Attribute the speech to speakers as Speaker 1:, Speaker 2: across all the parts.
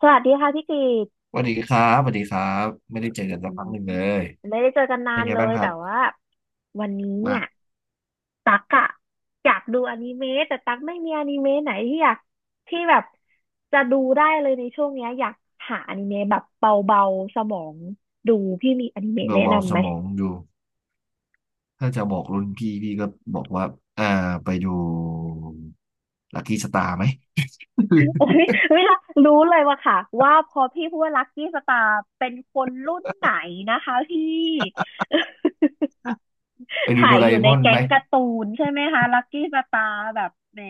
Speaker 1: สวัสดีค่ะพี่กิต
Speaker 2: สวัสดีครับสวัสดีครับไม่ได้เจอกันสักพักหนึ่งเลย
Speaker 1: ไม่ได้เจอกันนา
Speaker 2: เป็น
Speaker 1: น
Speaker 2: ไง
Speaker 1: เล
Speaker 2: บ้าง
Speaker 1: ย
Speaker 2: ครั
Speaker 1: แต่
Speaker 2: บ
Speaker 1: ว่าวันนี้เนี่ย
Speaker 2: มา
Speaker 1: ตักอะอยากดูอนิเมะแต่ตักไม่มีอนิเมะไหนที่อยากที่แบบจะดูได้เลยในช่วงเนี้ยอยากหาอนิเมะแบบเบาๆสมองดูพี่มีอนิเมะแนะ
Speaker 2: เบาๆ
Speaker 1: นำ
Speaker 2: ส
Speaker 1: ไหม
Speaker 2: มองดูถ้าจะบอกรุ่นพี่พี่ก็บอกว่าอ่าไปดูลัคกี้สตาร์ไหม
Speaker 1: โอ้ยเวลา รู้เลยว่าค่ะว่าพอพี่พูดว่าลัคกี้สตาร์เป็นคนรุ่นไหนนะคะพี่
Speaker 2: ไปดู
Speaker 1: ถ่า
Speaker 2: โด
Speaker 1: ย
Speaker 2: รา
Speaker 1: อ
Speaker 2: เอ
Speaker 1: ยู่
Speaker 2: ม
Speaker 1: ใน
Speaker 2: อน
Speaker 1: แก๊
Speaker 2: ไหม
Speaker 1: งการ์ตูนใช่ไหมคะลักกี้สตาร์แบบแหม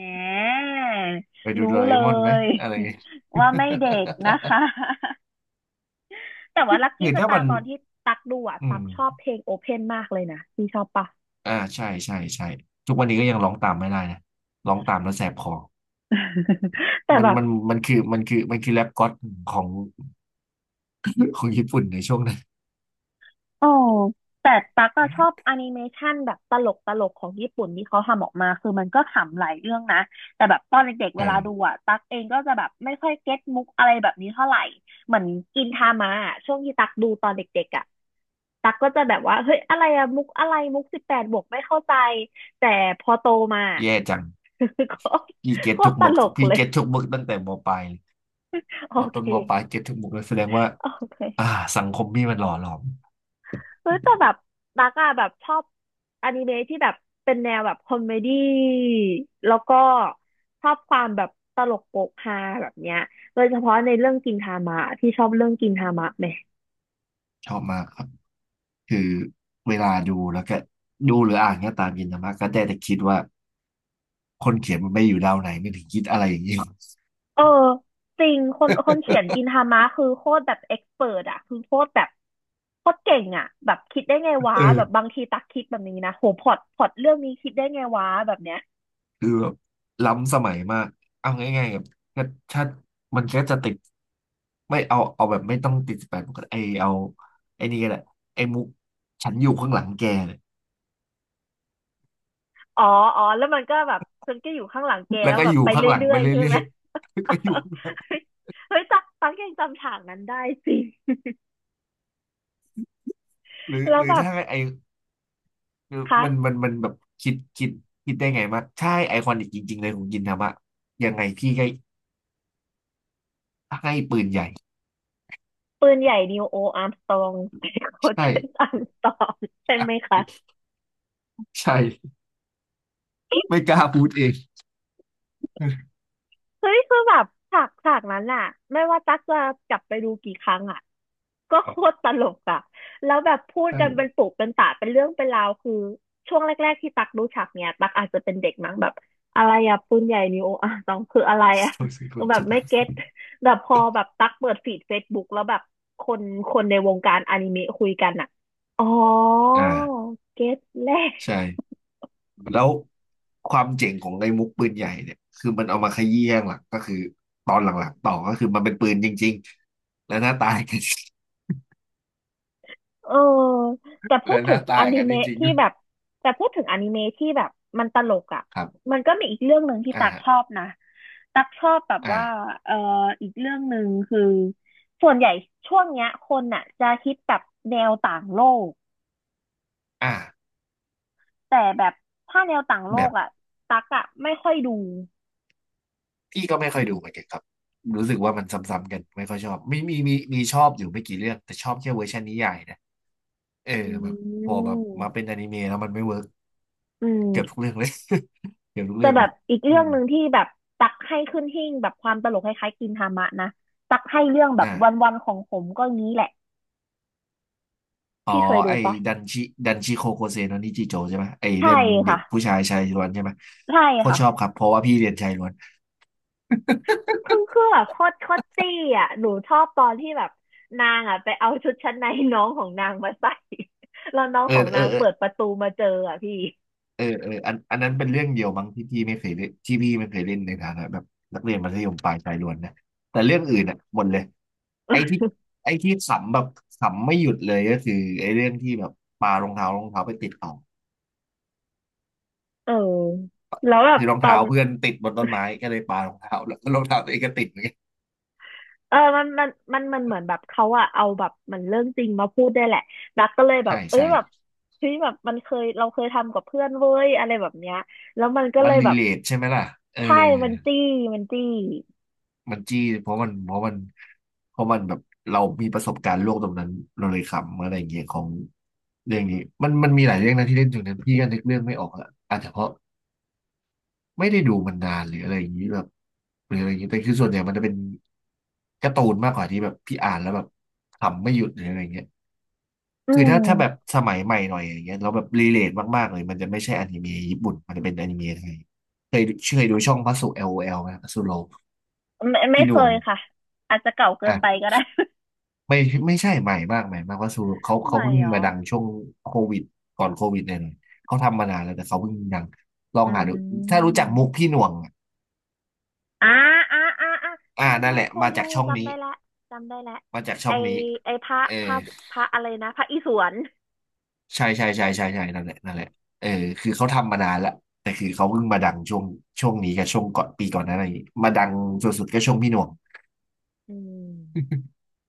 Speaker 2: ไปดู
Speaker 1: รู้
Speaker 2: โดราเอ
Speaker 1: เล
Speaker 2: มอนไหม
Speaker 1: ย
Speaker 2: อะไรอย่างเงี้ย
Speaker 1: ว่าไม่เด็กนะคะ แต่ว่าลัก กี้
Speaker 2: คือ
Speaker 1: ส
Speaker 2: ถ้า
Speaker 1: ตา
Speaker 2: มัน
Speaker 1: ร์ตอนที่ตักดูอ่ะ
Speaker 2: อื
Speaker 1: ตักชอบ
Speaker 2: ม
Speaker 1: เพลงโอเพนมากเลยนะพี่ชอบปะ
Speaker 2: ใช่ใช่ใช่ทุกวันนี้ก็ยังร้องตามไม่ได้นะร้องตามแล้วแสบคอ
Speaker 1: แต่
Speaker 2: มัน
Speaker 1: แบบ
Speaker 2: มันมันคือมันคือแรปก็อดของ ของญี่ปุ่นในช่วงนั้น
Speaker 1: อ๋อแต่ตั๊กอชอบแอนิเมชันแบบตลกตลกของญี่ปุ่นที่เขาทำออกมาคือมันก็ขำหลายเรื่องนะ แต่แบบตอนเด็กๆ
Speaker 2: เอ
Speaker 1: เวลา
Speaker 2: อ
Speaker 1: ดูอะตั๊กเองก็จะแบบไม่ค่อยเก็ตมุกอะไรแบบนี้เท่าไหร่เหมือนกินทามะอะช่วงที่ตั๊กดูตอนเด็กๆอะตั๊กก็จะแบบว่าเฮ้ยอะไรอะมุกอะไรมุก18+ไม่เข้าใจแต่พอโตมา
Speaker 2: แย่จัง พี่เก็
Speaker 1: โคตร
Speaker 2: ต
Speaker 1: โค
Speaker 2: ทุ
Speaker 1: ต
Speaker 2: ก
Speaker 1: รต
Speaker 2: มุก
Speaker 1: ลก
Speaker 2: พี่
Speaker 1: เลย
Speaker 2: เก็ตทุกมุกตั้งแต่มปลายเลย
Speaker 1: โอ
Speaker 2: ว่า
Speaker 1: เค
Speaker 2: ต้นมปลายเก็ตทุกมุกเลยแสดงว่า
Speaker 1: โอ
Speaker 2: อ่า
Speaker 1: เค
Speaker 2: สังคมพี่มันหล่อหลอม
Speaker 1: เฮ้ยแต่แบบตักอะแบบชอบอนิเมะที่แบบเป็นแนวแบบคอมเมดี้แล้วก็ชอบความแบบตลกโปกฮาแบบเนี้ยโดยเฉพาะในเรื่องกินทามะที่ชอบเรื่องกินทามะไหม
Speaker 2: ชอบมากครับคือเวลาดูแล้วก็ดูหรืออ่านก็ตามยินนะมากก็ได้แต่คิดว่าคนเขียนมันไม่อยู่ดาวไหนไม่ถึงคิดอะไรอย่างนี้
Speaker 1: เออจริงคนเขียน กินทามะคือโคตรแบบเอ็กซ์เพิรอะคือโคตรแบบโคตรเก่งอะแบบคิดได้ไงวะ
Speaker 2: เออ
Speaker 1: แบบบางทีตักคิดแบบนี้นะโหพล็อตเรื่องนี้คิดได้ไงวะแบบเนี้ย
Speaker 2: คือแบบล้ำสมัยมาก เอาง่ายๆแบบก็ถ้ามันก็จะติดไม่เอาเอาแบบไม่ต้องติดสิบแปดก็ไอเอาไอนี่ก็แหละไอมุกฉันอยู่ข้างหลังแกเนี่ย
Speaker 1: อ๋อ อ๋อ แล้วมันก็แบบฉันก็อยู่ข้างหลังแก
Speaker 2: แล้ว
Speaker 1: แล้ว
Speaker 2: ก็
Speaker 1: แบ
Speaker 2: อ
Speaker 1: บ
Speaker 2: ยู่
Speaker 1: ไป
Speaker 2: ข้า
Speaker 1: เร
Speaker 2: งหลัง
Speaker 1: ื่
Speaker 2: ไป
Speaker 1: อยๆใช่
Speaker 2: เรื่อ
Speaker 1: ไห
Speaker 2: ย
Speaker 1: ม
Speaker 2: ก็อยู่
Speaker 1: เฮ้ยตักตักยังจำฉากนั้นได้สิ
Speaker 2: หรือ
Speaker 1: แล้วแบบ
Speaker 2: ถ้าไอคือ
Speaker 1: คะ
Speaker 2: มันมันแบบคิดคิดได้ไงว่าใช่ไอคอนิกจริงๆเลยของยินทามะยังไงพี่ให้ให้ปืนใหญ่
Speaker 1: ปืนใหญ่นิวโออาร์มสตรอง ใส่โค
Speaker 2: ใช่
Speaker 1: เชนอาร์ มสตรองใช่
Speaker 2: อ่ะ
Speaker 1: ไหมคะ
Speaker 2: ใช่ไม่กล้าพูดเอง
Speaker 1: เฮ้ยคือแบบฉากนั้นอะไม่ว่าตั๊กจะกลับไปดูกี่ครั้งอ่ะ ก็โคตรตลกอ่ะแล้วแบบพูด
Speaker 2: ใช่
Speaker 1: กันเป็นปุกเป็นตะเป็นเรื่องเป็นราวคือช่วงแรกๆที่ตักรู้ฉากเนี่ยตักอาจจะเป็นเด็กมั้งแบบอะไรอะปืนใหญ่นิวอ่ะต้องคืออะไรอะ
Speaker 2: โซซิค
Speaker 1: ต้อ
Speaker 2: น
Speaker 1: งแบ
Speaker 2: เจ็
Speaker 1: บ
Speaker 2: ด
Speaker 1: ไม่
Speaker 2: ดาว
Speaker 1: เก็
Speaker 2: สิ
Speaker 1: ตแต่พอแบบตักเปิดฟีดเฟซบุ๊กแล้วแบบคนคนในวงการอนิเมะคุยกันอ่ะอ๋อ
Speaker 2: อ่า
Speaker 1: เก็ตแล้ว
Speaker 2: ใช่แล้วความเจ๋งของไอ้มุกปืนใหญ่เนี่ยคือมันเอามาขยี้ข้างหลังก็คือตอนหลังๆต่อก็คือมันเป็นปืนจริงๆและหน้าตายกัน
Speaker 1: เออแต่พู
Speaker 2: และ
Speaker 1: ด
Speaker 2: ห
Speaker 1: ถึ
Speaker 2: น้า
Speaker 1: งอ
Speaker 2: ตาย
Speaker 1: นิ
Speaker 2: กันจ
Speaker 1: เมะ
Speaker 2: ริงๆ
Speaker 1: ที่
Speaker 2: ด้วย
Speaker 1: แบบแต่พูดถึงอนิเมะที่แบบมันตลกอ่ะ
Speaker 2: ครับ
Speaker 1: มันก็มีอีกเรื่องหนึ่งที่ตักชอ
Speaker 2: อ่า
Speaker 1: บนะตักชอบแบบ
Speaker 2: อ่า
Speaker 1: ว่าเอออีกเรื่องหนึ่งคือส่วนใหญ่ช่วงเนี้ยคนอ่ะจะฮิตแบบแนวต่างโลก
Speaker 2: อ่า
Speaker 1: แต่แบบถ้าแนวต่างโล
Speaker 2: แบ
Speaker 1: ก
Speaker 2: บ
Speaker 1: อ่ะตักอ่ะไม่ค่อยดู
Speaker 2: พี่ก็ไม่ค่อยดูเหมือนกันครับรู้สึกว่ามันซ้ำๆกันไม่ค่อยชอบมีชอบอยู่ไม่กี่เรื่องแต่ชอบแค่เวอร์ชันนิยายนะเออ
Speaker 1: อื
Speaker 2: แบบพอแบบมา
Speaker 1: ม
Speaker 2: เป็นอนิเมะแล้วมันไม่เวิร์ก
Speaker 1: อื
Speaker 2: เกือบทุ
Speaker 1: ม
Speaker 2: กเรื่องเลย เกือบทุก
Speaker 1: แต่
Speaker 2: เรื่อง
Speaker 1: แบ
Speaker 2: เลย
Speaker 1: บอีก
Speaker 2: อื
Speaker 1: เรื่อง
Speaker 2: ม
Speaker 1: หนึ่งที่แบบตักให้ขึ้นหิ้งแบบความตลกคล้ายๆกินทามะนะตักให้เรื่องแบบ
Speaker 2: อ่ะ
Speaker 1: วันๆของผมก็งี้แหละ
Speaker 2: อ๋อ
Speaker 1: พี่เคยดู
Speaker 2: ไอ้
Speaker 1: ปะ
Speaker 2: ดันชิดันชิโคโคเซโนนิจิโจใช่ไหมไอ้
Speaker 1: ใช่
Speaker 2: เรื่องเด็
Speaker 1: ค่ะ
Speaker 2: กผู้ชายชายล้วนใช่ไหม
Speaker 1: ใช่
Speaker 2: โคตร
Speaker 1: ค่ะ
Speaker 2: ชอบครับเพราะว่าพี่เรียนชายล้วน
Speaker 1: คือแบบโคตรตี้อ่ะหนูชอบตอนที่แบบนางอ่ะไปเอาชุดชั้นในน้องของนางมาใส่ แล้วน้อง
Speaker 2: เอ
Speaker 1: ขอ
Speaker 2: อ
Speaker 1: ง
Speaker 2: เอ
Speaker 1: นา
Speaker 2: อ
Speaker 1: งเปิดประตูมาเจออ่ะพี่
Speaker 2: เออเอออันอันนั้นเป็นเรื่องเดียวมั้งที่พี่ไม่เคยเล่นที่พี่ไม่เคยเล่นในฐานะแบบนักเรียนมัธยมปลายชายล้วนนะแต่เรื่องอื่นอ่ะหมดเลยไอ้ที่ ไอ้ที่ขำแบบขำไม่หยุดเลยก็คือไอ้เรื่องที่แบบปารองเท้ารองเท้าไปติดต่อ
Speaker 1: เออแล้วแบบ
Speaker 2: คือรอง
Speaker 1: ตอ
Speaker 2: เท้า
Speaker 1: น
Speaker 2: เพื่อนติดบนต้นไม้ก็เลยปารองเท้าแล้วก็รองเท้าตัวเองก็ติดเหมือนกัน
Speaker 1: เออมันเหมือนแบบเขาอะเอาแบบมันเรื่องจริงมาพูดได้วยแหละดักก็เลยแบ
Speaker 2: ใช่
Speaker 1: บเอ้
Speaker 2: ใช่
Speaker 1: ยแบบเฮ้ยแบบมันเคยเราเคยทำกับเพื่อนเว้ยอะไรแบบเนี้ยแล้วมันก็
Speaker 2: มั
Speaker 1: เล
Speaker 2: น
Speaker 1: ย
Speaker 2: รี
Speaker 1: แบบ
Speaker 2: เลทใช่ไหมล่ะเออ
Speaker 1: ใช่มันจี้มันจี้
Speaker 2: มันจี้เพราะมันเพราะมันแบบเรามีประสบการณ์โลกตรงนั้นเราเลยขำอะไรอย่างเงี้ยของเรื่องนี้มันมันมีหลายเรื่องนะที่เล่นถึงนั้นพี่ก็นึกเรื่องไม่ออกละอาจจะเพราะไม่ได้ดูมันนานหรืออะไรอย่างงี้แบบหรืออะไรอย่างงี้แต่คือส่วนใหญ่มันจะเป็นการ์ตูนมากกว่าที่แบบพี่อ่านแล้วแบบขำไม่หยุดหรืออะไรอย่างเงี้ย
Speaker 1: อื
Speaker 2: คือถ้า
Speaker 1: ม
Speaker 2: ถ้าแบบสมัยใหม่หน่อยอย่างเงี้ยเราแบบรีเลทมากๆเลยมันจะไม่ใช่อนิเมะญี่ปุ่นมันจะเป็นอนิเมะไทยเคยเคยดูช่องพัสุ LOL ไหมพัสุโล
Speaker 1: ไม่ไม่
Speaker 2: พี่ห
Speaker 1: เค
Speaker 2: น่วง
Speaker 1: ยค่ะอาจจะเก่าเกินไป
Speaker 2: อ่ะ
Speaker 1: ก็ได้
Speaker 2: ไม่ไม่ใช่ใหม่มากใหม่มากว่าสูเขา
Speaker 1: ให
Speaker 2: เขา
Speaker 1: ม่
Speaker 2: เพิ่ง
Speaker 1: เหรอ
Speaker 2: มาดังช่วงโควิดก่อนโควิดเนี่ยเลยเขาทำมานานแล้วแต่เขาเพิ่งดังลอง
Speaker 1: อื
Speaker 2: หาดูถ้ารู้
Speaker 1: ม
Speaker 2: จักมุกพี่หน่วงอะ
Speaker 1: อ่าอ่าอ่าอ่าเค
Speaker 2: อ่า
Speaker 1: ย
Speaker 2: นั่
Speaker 1: ดู
Speaker 2: นแหละ
Speaker 1: เคย
Speaker 2: มา
Speaker 1: ดู
Speaker 2: จากช่อง
Speaker 1: จำ
Speaker 2: นี้
Speaker 1: ได้ละจำได้ละ
Speaker 2: มาจากช่
Speaker 1: ไอ
Speaker 2: องนี้
Speaker 1: ไอพระ
Speaker 2: เออ
Speaker 1: พระพระอะไรนะพระอิศวร
Speaker 2: ใช่นั่นแหละนั่นแหละเออคือเขาทำมานานแล้วแต่คือเขาเพิ่งมาดังช่วงช่วงนี้กับช่วงก่อนปีก่อนหนั้นอะไรอย่างงีกมาดังสุดๆก็ช่วงพี่หน่วง
Speaker 1: อืม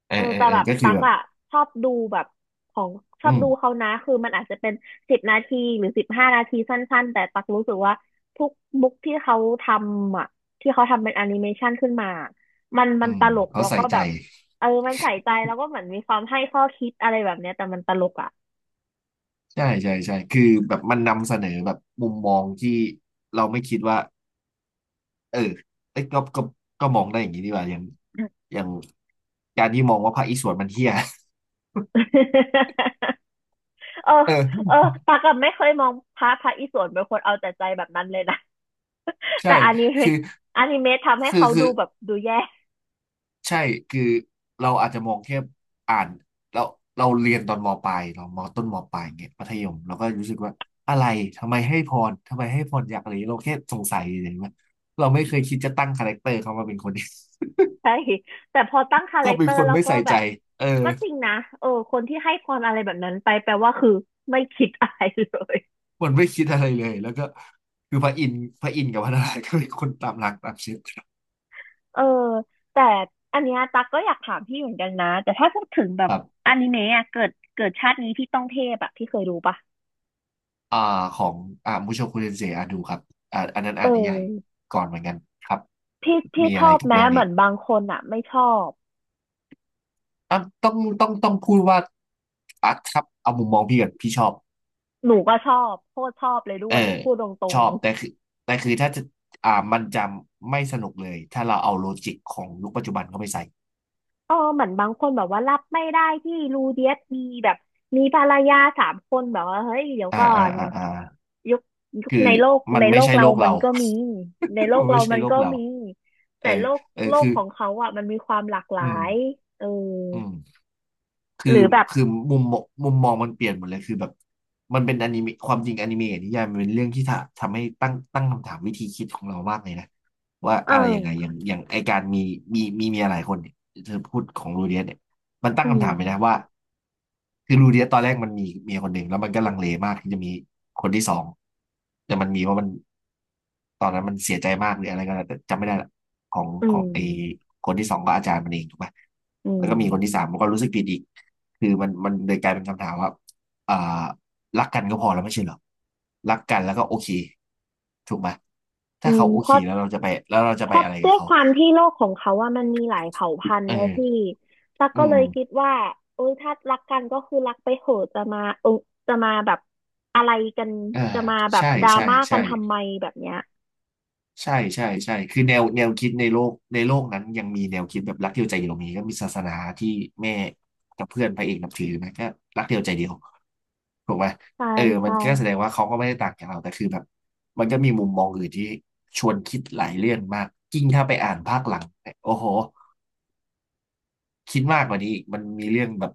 Speaker 2: เออ
Speaker 1: เออ
Speaker 2: เออ
Speaker 1: แต่
Speaker 2: เออ
Speaker 1: แบบ
Speaker 2: ก็คือ
Speaker 1: ตัก
Speaker 2: แบบ
Speaker 1: อะชอบดูแบบของชอ
Speaker 2: อื
Speaker 1: บ
Speaker 2: ม
Speaker 1: ดูเขานะคือมันอาจจะเป็น10 นาทีหรือ15 นาทีสั้นๆแต่ตักรู้สึกว่าทุกบุ๊กที่เขาทำอะที่เขาทำเป็นแอนิเมชันขึ้นมามันมั
Speaker 2: อื
Speaker 1: น
Speaker 2: ม
Speaker 1: ตลก
Speaker 2: เขา
Speaker 1: แล้ว
Speaker 2: ใส่
Speaker 1: ก็
Speaker 2: ใจ
Speaker 1: แบบเออมันใส่ใจแล้วก็เหมือนมีความให้ข้อคิดอะไรแบบเนี้ยแต่มันตลกอะ
Speaker 2: ใช่ใช่ใช่คือแบบมันนำเสนอแบบมุมมองที่เราไม่คิดว่า เออเอ้ยก็ก็มองได้อย่างนี้ดีกว่าอย่างอย่างการที่มองว่าภาคอีสวนมันเฮี้ย
Speaker 1: เออ
Speaker 2: เอ
Speaker 1: เออ
Speaker 2: อ
Speaker 1: ตักอะไม่เคยมองพระอิศวรเป็นคนเอาแต่ใจแบบนั้นเลยนะ
Speaker 2: ใช่
Speaker 1: แต่อนิ
Speaker 2: คื
Speaker 1: เมะ
Speaker 2: อ
Speaker 1: อนิเมะทำให้
Speaker 2: คือ
Speaker 1: เขา
Speaker 2: คื
Speaker 1: ดู
Speaker 2: อ
Speaker 1: แบบดูแย่
Speaker 2: ใช่คือเราอาจจะมองแค่อ่านเราเราเรียนตอนมปลายเรามต้นมปลายเงี้ยมัธยมเราก็รู้สึกว่าอะไรทำไมให้พรอยากอะไรเราแค่สงสัยเลยว่าเราไม่เคยคิดจะตั้งคาแรคเตอร์เขามาเป็นคนนี้
Speaker 1: ใช่แต่พอตั้งคา
Speaker 2: ก็
Speaker 1: แรค
Speaker 2: เป็
Speaker 1: เต
Speaker 2: น
Speaker 1: อ
Speaker 2: ค
Speaker 1: ร์
Speaker 2: น
Speaker 1: แล้ว
Speaker 2: ไม่
Speaker 1: ก็
Speaker 2: ใส่
Speaker 1: แบ
Speaker 2: ใจ
Speaker 1: บ
Speaker 2: เออ
Speaker 1: ก็จริงนะเออคนที่ให้พรอะไรแบบนั้นไปแปลว่าคือไม่คิดอะไรเลย
Speaker 2: มันไม่คิดอะไรเลย แล้วก็คือพระอินทร์กับพระนารายณ์ก็เป็นคนตามหลักตามเชื้อ
Speaker 1: เออแต่อันเนี้ยตักก็อยากถามพี่เหมือนกันนะแต่ถ้าพูดถึงแบ
Speaker 2: ค
Speaker 1: บ
Speaker 2: รับ
Speaker 1: อนิเมะอะเกิดเกิดชาตินี้พี่ต้องเทพอะพี่เคยดูปะ
Speaker 2: อ่าของมุโชคุเรนเซอาดูครับอันนั้น
Speaker 1: เอ
Speaker 2: อ่า
Speaker 1: อ
Speaker 2: นนิยายก่อนเหมือนกันครับ
Speaker 1: พี่พี่
Speaker 2: มี
Speaker 1: ช
Speaker 2: อะไร
Speaker 1: อบ
Speaker 2: กับ
Speaker 1: แม้
Speaker 2: เรื่อง
Speaker 1: เห
Speaker 2: นี้
Speaker 1: มือนบางคนอะไม่ชอบ
Speaker 2: อ่ะต้องพูดว่าอ่ะครับเอามุมมองพี่กันพี่ชอบ
Speaker 1: หนูก็ชอบโคตรชอบเลย
Speaker 2: เอ
Speaker 1: ด้
Speaker 2: อ
Speaker 1: วยพูดตร
Speaker 2: ช
Speaker 1: ง
Speaker 2: อบ
Speaker 1: ๆ
Speaker 2: แต่คือแต่คือถ้าจะมันจะไม่สนุกเลยถ้าเราเอาโลจิกของยุคปัจจุบันเข้าไปใส่
Speaker 1: เออเหมือนบางคนแบบว่ารับไม่ได้ที่รูเดียสมีแบบมีภรรยาสามคนแบบว่าเฮ้ยเดี๋ยว
Speaker 2: อ่า
Speaker 1: ก่อ
Speaker 2: อ่า
Speaker 1: น
Speaker 2: อ่าอ่า
Speaker 1: ยุคยุค
Speaker 2: คือ
Speaker 1: ในโลก
Speaker 2: มันไม่ใช่
Speaker 1: เรา
Speaker 2: โลก
Speaker 1: มั
Speaker 2: เรา
Speaker 1: นก็มีในโล
Speaker 2: มั
Speaker 1: ก
Speaker 2: นไม่
Speaker 1: เรา
Speaker 2: ใช่
Speaker 1: มัน
Speaker 2: โลก
Speaker 1: ก็
Speaker 2: เรา
Speaker 1: มี
Speaker 2: เอ
Speaker 1: แต่
Speaker 2: อ
Speaker 1: โลก
Speaker 2: เออ
Speaker 1: โลก
Speaker 2: คือ
Speaker 1: ของเขาอ่ะมันมีความหลากหลา
Speaker 2: อืม
Speaker 1: ยเออ
Speaker 2: อืม คือ
Speaker 1: หรือแบบ
Speaker 2: คือมุมมองมันเปลี่ยนหมดเลยคือแบบมันเป็นอนิเมะความจริงอนิเมะกับนิยายมันเป็นเรื่องที่ทำให้ตั้งคำถามวิธีคิดของเรามากเลยนะว่า
Speaker 1: เอ
Speaker 2: อะไรยังไง
Speaker 1: อ
Speaker 2: อย่างไอการมีมีเมียหลายคนเนี่ยเธอพูดของลูเดียสเนี่ยมันตั้ง
Speaker 1: อื
Speaker 2: คำถา
Speaker 1: ม
Speaker 2: มไปนะว่าคือลูเดียสตอนแรกมันมีเมียคนหนึ่งแล้วมันก็ลังเลมากที่จะมีคนที่สองแต่มันมีเพราะมันตอนนั้นมันเสียใจมากหรืออะไรก็แล้วแต่จำไม่ได้ละของ
Speaker 1: อื
Speaker 2: ของ
Speaker 1: ม
Speaker 2: ไอคนที่สองก็อาจารย์มันเองถูกไหม
Speaker 1: อื
Speaker 2: แล้วก็
Speaker 1: ม
Speaker 2: มีคนที่สามมันก็รู้สึกผิดอีก คือมันเลยกลายเป็นคำถามว่าอ่ารักกันก็พอแล้วไม่ใช่เหรอรักกันแล้วก็โอเคถูกไหม
Speaker 1: อื
Speaker 2: ถ้าเขา
Speaker 1: ม
Speaker 2: โอ
Speaker 1: เพ
Speaker 2: เค
Speaker 1: ราะ
Speaker 2: แล้วเราจะไปอะไร
Speaker 1: ด้
Speaker 2: กับ
Speaker 1: วย
Speaker 2: เขา
Speaker 1: ความที่โลกของเขาว่ามันมีหลายเผ่าพันธุ์
Speaker 2: เอ
Speaker 1: เนอะพี่
Speaker 2: อ
Speaker 1: ตั๊ก
Speaker 2: อื
Speaker 1: ก็เล
Speaker 2: ม
Speaker 1: ยคิดว่าโอ้ยถ้ารักกันก็คือรักไปเถอะจะมาเออจะมาแบบอะไรกัน
Speaker 2: เออ
Speaker 1: จะมาแบบ
Speaker 2: ใช่
Speaker 1: ดรา
Speaker 2: ใช่
Speaker 1: ม่ากั
Speaker 2: ใช่
Speaker 1: นทำไมแบบเนี้ย
Speaker 2: ใช่ใช่ใช่คือแนวคิดในโลกนั้นยังมีแนวคิดแบบรักเดียวใจเดียวมีก็มีศาสนาที่แม่กับเพื่อนพระเอกนับถือนะก็รักเดียวใจเดียว ถูกไหม
Speaker 1: ใช่
Speaker 2: เออมันก็แส
Speaker 1: ใช่
Speaker 2: ดงว่าเขาก็ไม่ได้ต่างจากเราแต่คือแบบมันก็มีมุมมองอื่นที่ชวนคิดหลายเรื่องมากยิ่งถ้าไปอ่านภาคหลังเนี่ยโอ้โหคิดมากกว่านี้อีกมันมีเรื่องแบบ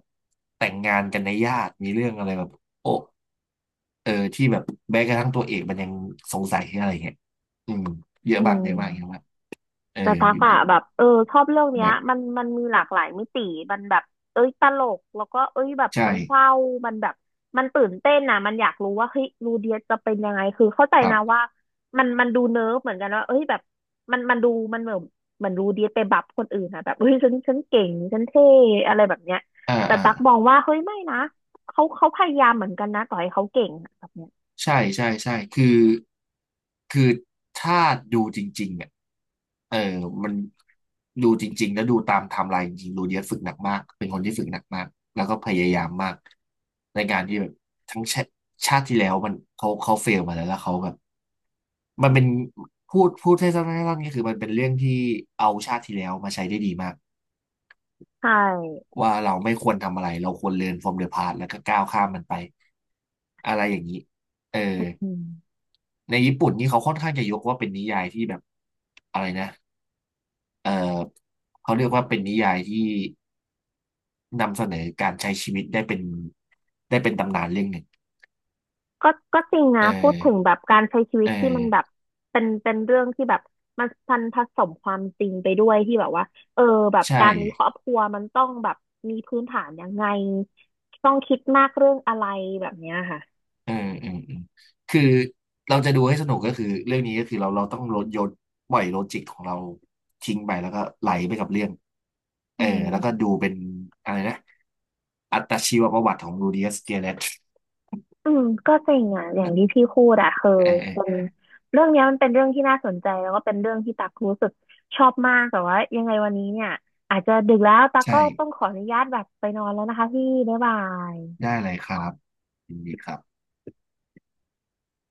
Speaker 2: แต่งงานกันในญาติมีเรื่องอะไรแบบโอ้เออที่แบบแม้กระทั่งตัวเอกมันยังสงสัยอะไรเงี้ยอืมเยอะ
Speaker 1: อื
Speaker 2: มากเยอะมากเยอะ
Speaker 1: ม
Speaker 2: มากเออ
Speaker 1: แต่ตักอะแบบเออชอบเรื่องเนี้
Speaker 2: แบ
Speaker 1: ย
Speaker 2: บ
Speaker 1: มันมีหลากหลายมิติมันแบบเอ้ยตลกแล้วก็เอ้ยแบบ
Speaker 2: ใช่
Speaker 1: มันเศร้ามันแบบมันตื่นเต้นนะมันอยากรู้ว่าเฮ้ยรูเดียจะเป็นยังไงคือเข้าใจ
Speaker 2: ครั
Speaker 1: นะ
Speaker 2: บ
Speaker 1: ว่ามันดูเนิร์ฟเหมือนกันว่าเอ้ยแบบมันดูมันเหมือนเหมือนรูเดียไปบับคนอื่นนะแบบเฮ้ยฉันเก่งฉันเท่อะไรแบบเนี้ย
Speaker 2: อ่า
Speaker 1: แต่
Speaker 2: อ่า
Speaker 1: ตักมองว่าเฮ้ยไม่นะเขาพยายามเหมือนกันนะต่อให้เขาเก่งอะแบบเนี้ย
Speaker 2: ใช่ใช่ใช่คือคือถ้าดูจริงๆเนี่ยเออมันดูจริงๆแล้วดูตามไทม์ไลน์จริงๆดูเดียสฝึกหนักมากเป็นคนที่ฝึกหนักมากแล้วก็พยายามมากในการที่แบบทั้งชาติที่แล้วมันเขาเฟลมาแล้วแล้วเขาแบบมันเป็นพูดให้สั้นๆก็คือมันเป็นเรื่องที่เอาชาติที่แล้วมาใช้ได้ดีมาก
Speaker 1: ใช่
Speaker 2: ว่าเราไม่ควรทำอะไรเราควรเรียน from the past แล้วก็ก้าวข้ามมันไปอะไรอย่างนี้เออ
Speaker 1: อืม
Speaker 2: ในญี่ปุ่นนี่เขาค่อนข้างจะยกว่าเป็นนิยายที่แบบอะไรนะเออเขาเรียกว่าเป็นนิยายที่นำเสนอการใช้ชีวิตได้เป็นตำนานเรื่องหนึ่ง
Speaker 1: ก็ก็จริงนะ
Speaker 2: เอ
Speaker 1: พูดถึง
Speaker 2: อ
Speaker 1: แบบการใช้ชีวิ
Speaker 2: เอ
Speaker 1: ตที่มันแบบ
Speaker 2: อ
Speaker 1: เป็นเรื่องที่แบบมันพันผสมความจริงไปด้วยที่แบบว่าเออแบบ
Speaker 2: ใช่
Speaker 1: การมีครอบครัวมันต้องแบบมีพื้นฐานยังไงต้องคิดมากเรื่องอะไรแบบเนี้ยค่ะ
Speaker 2: เออเออเออคือเราจะดูให้สนุกก็คือเรื่องนี้ก็คือเราต้องลดโยนปล่อยโลจิกของเราทิ้งไปแล้วก็ไหลไปกับเรื่องเอ
Speaker 1: อื
Speaker 2: อ
Speaker 1: ม
Speaker 2: แล้วก็ดูเป็นอะไรนะอัตชีวประวัติของ r ูดิอัสเกียเลต
Speaker 1: อืมก็จริงอ่ะอย่างที่พี่พูดอ่ะคือ
Speaker 2: เออเอ
Speaker 1: เป็น
Speaker 2: อ
Speaker 1: เรื่องเนี้ยมันเป็นเรื่องที่น่าสนใจแล้วก็เป็นเรื่องที่ตักรู้สึกชอบมากแต่ว่ายังไงวันนี้เนี่ยอาจจะดึกแล้วตั
Speaker 2: ใ
Speaker 1: กก็ต้อง
Speaker 2: ช่
Speaker 1: ขออนุญาตแบบไปนอนแล้วนะคะพี่บ๊ายบาย
Speaker 2: ได้เลยครับยินดีครับ